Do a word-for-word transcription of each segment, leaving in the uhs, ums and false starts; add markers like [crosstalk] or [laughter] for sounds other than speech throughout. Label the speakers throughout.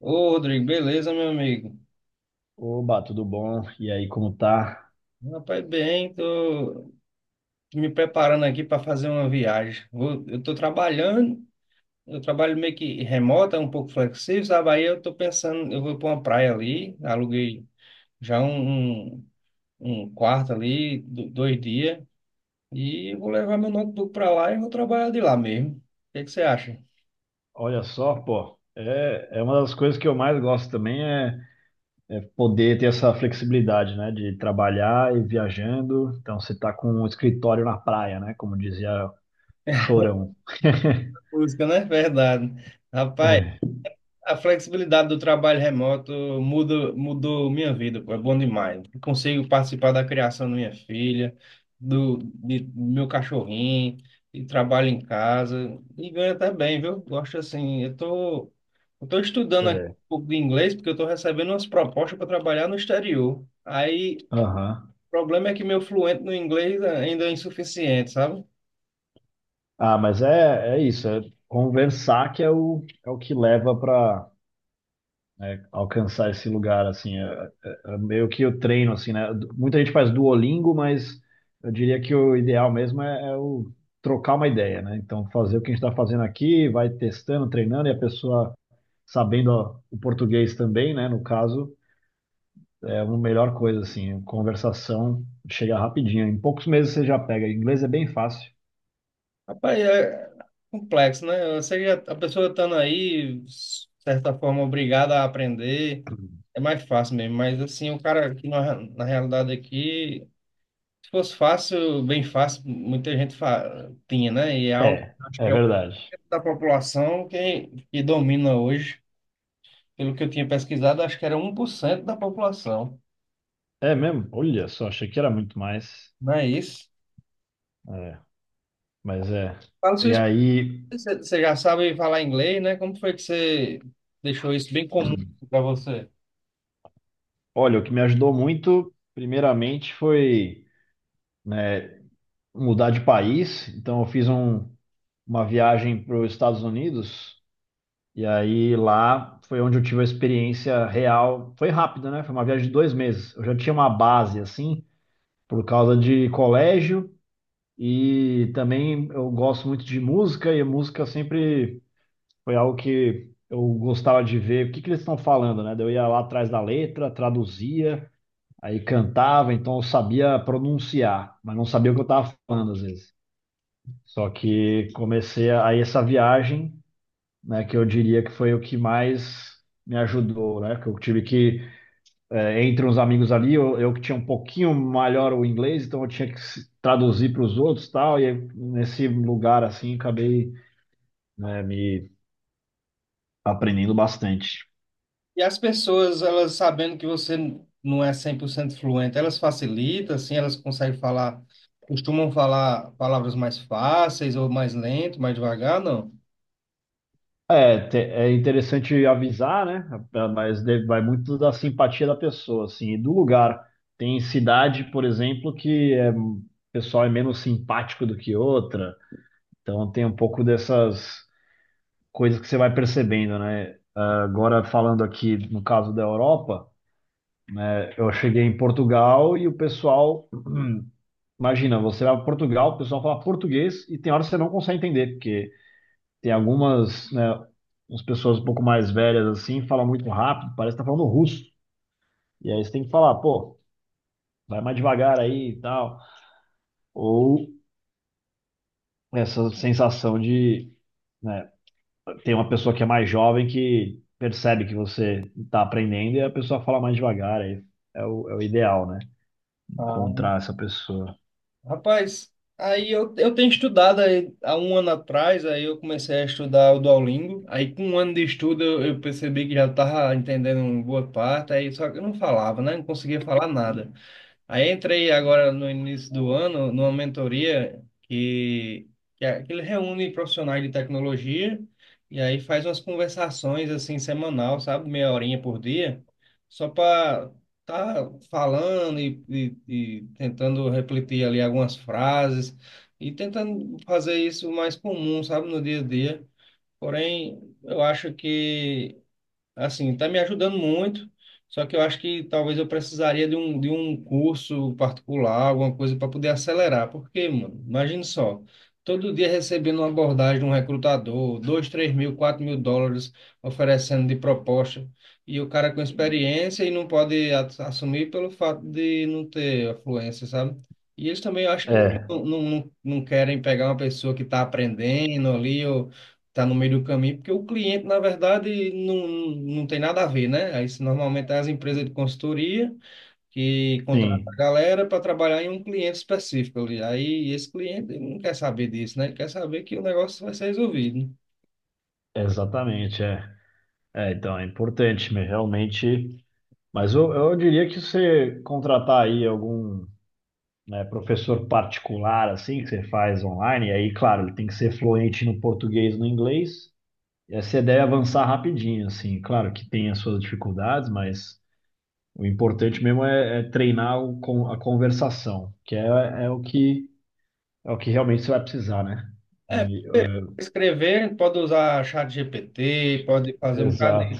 Speaker 1: Ô, Rodrigo, beleza, meu amigo?
Speaker 2: Oba, tudo bom? E aí, como tá?
Speaker 1: Rapaz, bem, tô me preparando aqui para fazer uma viagem. Vou- eu tô trabalhando, eu trabalho meio que remota, um pouco flexível, sabe? Aí eu tô pensando, eu vou para uma praia ali, aluguei já um, um, um quarto ali, do- dois dias, e eu vou levar meu notebook para lá e vou trabalhar de lá mesmo. O que que você acha?
Speaker 2: Olha só, pô, é, é uma das coisas que eu mais gosto também é, é poder ter essa flexibilidade, né, de trabalhar e viajando. Então, você tá com um escritório na praia, né, como dizia o Chorão. [laughs]
Speaker 1: Música, né? Verdade. Rapaz,
Speaker 2: É,
Speaker 1: a flexibilidade do trabalho remoto muda, mudou minha vida, pô, é bom demais. Consigo participar da criação da minha filha, do, de- do meu cachorrinho, e trabalho em casa, e ganho até bem, viu? Gosto assim, eu tô, eu tô estudando aqui
Speaker 2: é,
Speaker 1: um pouco de inglês, porque eu tô recebendo umas propostas para trabalhar no exterior. Aí,
Speaker 2: aham.
Speaker 1: o problema é que meu fluente no inglês ainda é insuficiente, sabe?
Speaker 2: Ah, mas é, é isso, é conversar que é o, é o que leva para, né, alcançar esse lugar, assim, é, é- é meio que eu treino, assim, né. Du- muita gente faz Duolingo, mas eu diria que o ideal mesmo é, é o trocar uma ideia, né, então fazer o que a gente está fazendo aqui, vai testando, treinando, e a pessoa sabendo, ó, o português também, né, no caso, é uma melhor coisa, assim. Conversação chega rapidinho, em poucos meses você já pega, inglês é bem fácil.
Speaker 1: Rapaz, é complexo, né? Eu sei que a a pessoa estando aí, de certa forma, obrigada a aprender, é mais fácil mesmo. Mas, assim, o cara aqui, na, na realidade aqui, se fosse fácil, bem fácil, muita gente fa- tinha, né? E é algo,
Speaker 2: É,
Speaker 1: que acho que
Speaker 2: é
Speaker 1: é o
Speaker 2: verdade.
Speaker 1: da população que, que domina hoje. Pelo que eu tinha pesquisado, acho que era um por cento da população,
Speaker 2: É mesmo? Olha só, achei que era muito mais.
Speaker 1: não é isso?
Speaker 2: É, mas é.
Speaker 1: Fala sua
Speaker 2: E aí,
Speaker 1: experiência, você já sabe falar inglês, né? Como foi que você deixou isso bem comum para você?
Speaker 2: olha, o que me ajudou muito, primeiramente, foi, né, mudar de país. Então, eu fiz um- uma viagem para os Estados Unidos, e aí lá foi onde eu tive a experiência real. Foi rápida, né? Foi uma viagem de dois meses. Eu já tinha uma base, assim, por causa de colégio, e também eu gosto muito de música, e a música sempre foi algo que eu gostava de ver o que que eles estão falando, né? Daí eu ia lá atrás da letra, traduzia. Aí cantava, então eu sabia pronunciar, mas não sabia o que eu estava falando às vezes. Só que comecei a, aí essa viagem, né, que eu diria que foi o que mais me ajudou, né? Que eu tive que, eh, entre uns amigos ali, eu, eu que tinha um pouquinho melhor o inglês, então eu tinha que se- traduzir para os outros e tal, e aí, nesse lugar assim, acabei, né, me aprendendo bastante.
Speaker 1: E as pessoas, elas sabendo que você não é cem por cento fluente, elas facilitam, assim, elas conseguem falar, costumam falar palavras mais fáceis ou mais lento, mais devagar, não?
Speaker 2: É, te- é interessante avisar, né? Mas deve- vai muito da simpatia da pessoa, assim, e do lugar. Tem cidade, por exemplo, que é, o pessoal é menos simpático do que outra. Então tem um pouco dessas coisas que você vai percebendo, né? Agora falando aqui no caso da Europa, eu cheguei em Portugal e o pessoal, [clears throat] imagina, você vai para Portugal, o pessoal fala português e tem horas que você não consegue entender, porque tem algumas, né, as pessoas um pouco mais velhas assim, falam muito rápido, parece que tá falando russo. E aí você tem que falar, pô, vai mais devagar aí e tal. Ou essa sensação de, né, tem uma pessoa que é mais jovem que percebe que você tá aprendendo e a pessoa fala mais devagar. Aí é o, é o ideal, né?
Speaker 1: Ah,
Speaker 2: Encontrar essa pessoa.
Speaker 1: rapaz, aí eu, eu tenho estudado aí, há um ano atrás, aí eu comecei a estudar o Duolingo, aí com um ano de estudo eu, eu percebi que já estava entendendo uma boa parte, aí só que eu não falava, né? Não conseguia falar nada. Aí entrei agora no início do ano numa mentoria que, que, é- que ele reúne profissionais de tecnologia e aí faz umas conversações assim semanal, sabe? Meia horinha por dia, só para tá falando e, e, e tentando refletir ali algumas frases e tentando fazer isso mais comum, sabe? No dia a dia. Porém, eu acho que assim, está me ajudando muito, só que eu acho que talvez eu precisaria de um, de um curso particular, alguma coisa para poder acelerar. Porque, mano, imagina só, todo dia recebendo uma abordagem de um recrutador, dois três mil, quatro mil dólares oferecendo de proposta, e o cara com experiência e não pode a- assumir pelo fato de não ter afluência, sabe? E eles também, eu acho que não,
Speaker 2: É,
Speaker 1: não, não, não querem pegar uma pessoa que está aprendendo ali, tá no meio do caminho, porque o cliente, na verdade, não, não tem nada a ver, né? Aí, se normalmente é as empresas de consultoria que contratam a
Speaker 2: sim,
Speaker 1: galera para trabalhar em um cliente específico ali. Aí esse cliente ele não quer saber disso, né? Ele quer saber que o negócio vai ser resolvido.
Speaker 2: exatamente, é. É, então é importante, mas realmente. Mas eu, eu diria que você contratar aí algum, né, professor particular, assim, que você faz online, e aí, claro, ele tem que ser fluente no português e no inglês, e aí você deve avançar rapidinho, assim, claro que tem as suas dificuldades, mas o importante mesmo é, é treinar o, con- a conversação, que é, é o que é o que realmente você vai precisar, né? E,
Speaker 1: Escrever, pode usar chat G P T, pode fazer
Speaker 2: é,
Speaker 1: um bocado
Speaker 2: exato.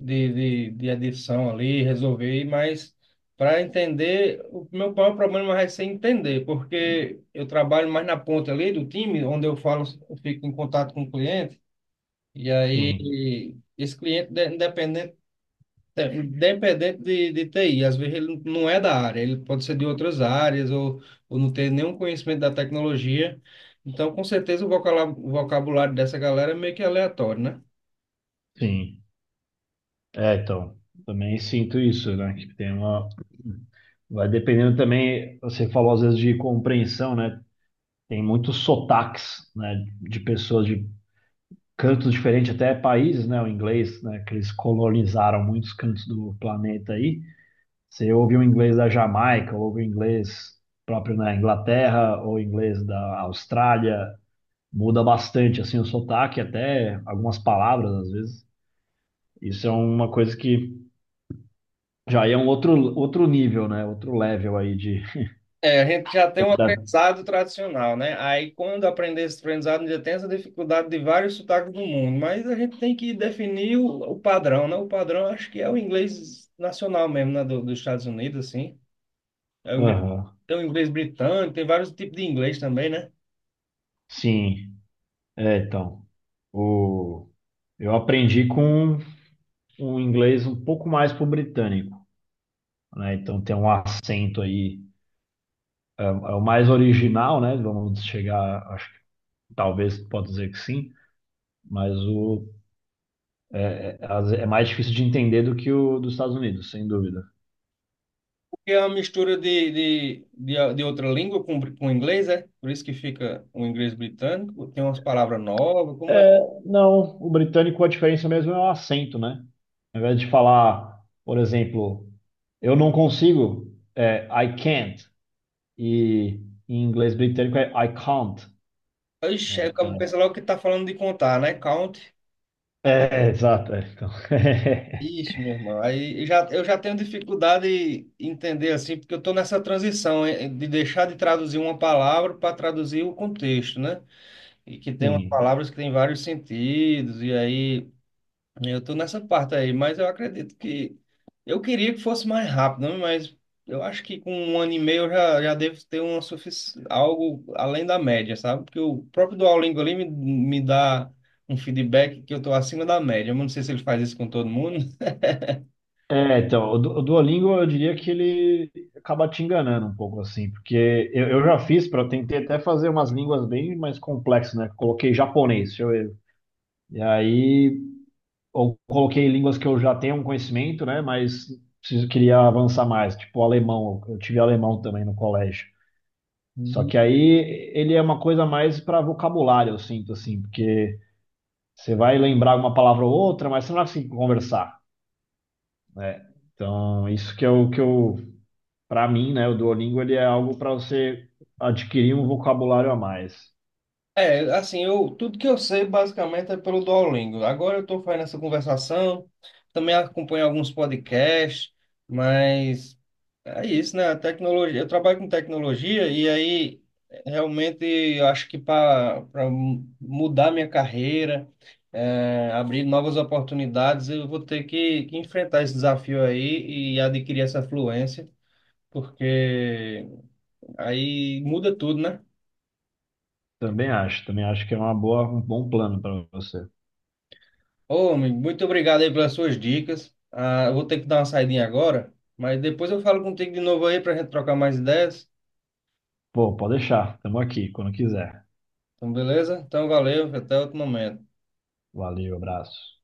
Speaker 1: de, de, de adição ali, resolver, mas para entender, o meu maior problema vai ser entender, porque eu trabalho mais na ponta ali do time, onde eu falo, eu fico em contato com o cliente, e aí
Speaker 2: Sim,
Speaker 1: esse cliente, de- independente, independente de, de T I, às vezes ele não é da área, ele pode ser de outras áreas, ou, ou não ter nenhum conhecimento da tecnologia, então com certeza o vocala- o vocabulário dessa galera é meio que aleatório, né?
Speaker 2: sim. É, então, também sinto isso, né? Que tem uma. Vai dependendo também, você falou às vezes de compreensão, né? Tem muitos sotaques, né, de pessoas de cantos diferentes, até países, né, o inglês, né, que eles colonizaram muitos cantos do planeta aí. Você ouve o inglês da Jamaica, ouve o inglês próprio na Inglaterra, ou inglês da Austrália, muda bastante, assim, o sotaque, até algumas palavras, às vezes. Isso é uma coisa que já é um outro, outro nível, né, outro level aí de...
Speaker 1: É, a gente já tem um
Speaker 2: da-
Speaker 1: aprendizado tradicional, né? Aí, quando aprender esse aprendizado, ainda tem essa dificuldade de vários sotaques do mundo, mas a gente tem que definir o, o padrão, né? O padrão acho que é o inglês nacional mesmo, né? Do, dos Estados Unidos, assim. É o inglês,
Speaker 2: aham.
Speaker 1: tem o inglês britânico, tem vários tipos de inglês também, né?
Speaker 2: Sim, é, então, o... eu aprendi com um inglês um pouco mais pro britânico, né? Então tem um acento aí, é, é o mais original, né? Vamos chegar, acho, talvez pode dizer que sim, mas o é mais difícil de entender do que o dos Estados Unidos, sem dúvida.
Speaker 1: Porque é uma mistura de, de, de, de outra língua com, br- com inglês, é? Por isso que fica o inglês britânico, tem umas palavras novas, como é.
Speaker 2: É, não, o britânico a diferença mesmo é o acento, né? Ao invés de falar, por exemplo, eu não consigo, é I can't, e em inglês britânico é I can't,
Speaker 1: Ixi,
Speaker 2: né?
Speaker 1: aí o cara
Speaker 2: Então,
Speaker 1: pensa logo que tá falando de contar, né? Count.
Speaker 2: é, exato, é, então,
Speaker 1: Ixi, meu irmão, aí eu já, eu já tenho dificuldade em entender assim, porque eu estou nessa transição eh, de deixar de traduzir uma palavra para traduzir o contexto, né? E que
Speaker 2: [laughs]
Speaker 1: tem umas
Speaker 2: sim.
Speaker 1: palavras que têm vários sentidos, e aí eu estou nessa parte aí, mas eu acredito que eu queria que fosse mais rápido, né? Mas eu acho que com um ano e meio eu já, já devo ter uma sufici... algo além da média, sabe? Porque o próprio Duolingo ali me, me dá um feedback que eu estou acima da média. Eu não sei se ele faz isso com todo mundo.
Speaker 2: É, então, o Du- o Duolingo eu diria que ele acaba te enganando um pouco assim, porque eu, eu já fiz para tentei até fazer umas línguas bem mais complexas, né? Coloquei japonês, deixa eu ver. E aí, ou coloquei línguas que eu já tenho um conhecimento, né? Mas preciso, queria avançar mais, tipo alemão, eu tive alemão também no colégio. Só que aí ele é uma coisa mais para vocabulário, eu sinto assim, porque você vai lembrar uma palavra ou outra, mas você não vai conseguir conversar, né? Então, isso que é o que eu, para mim, né, o Duolingo ele é algo para você adquirir um vocabulário a mais.
Speaker 1: É, assim, eu, tudo que eu sei basicamente é pelo Duolingo. Agora eu estou fazendo essa conversação, também acompanho alguns podcasts, mas é isso, né? A tecnologia, eu trabalho com tecnologia e aí realmente eu acho que para mudar minha carreira, é, abrir novas oportunidades, eu vou ter que, que enfrentar esse desafio aí e adquirir essa fluência, porque aí muda tudo, né?
Speaker 2: Também acho, também acho que é uma boa, um bom plano para você.
Speaker 1: Ô, amigo, muito obrigado aí pelas suas dicas. Ah, eu vou ter que dar uma saidinha agora, mas depois eu falo contigo de novo aí para a gente trocar mais ideias.
Speaker 2: Pô, pode deixar, estamos aqui quando quiser.
Speaker 1: Então, beleza? Então, valeu, até outro momento.
Speaker 2: Valeu, abraço.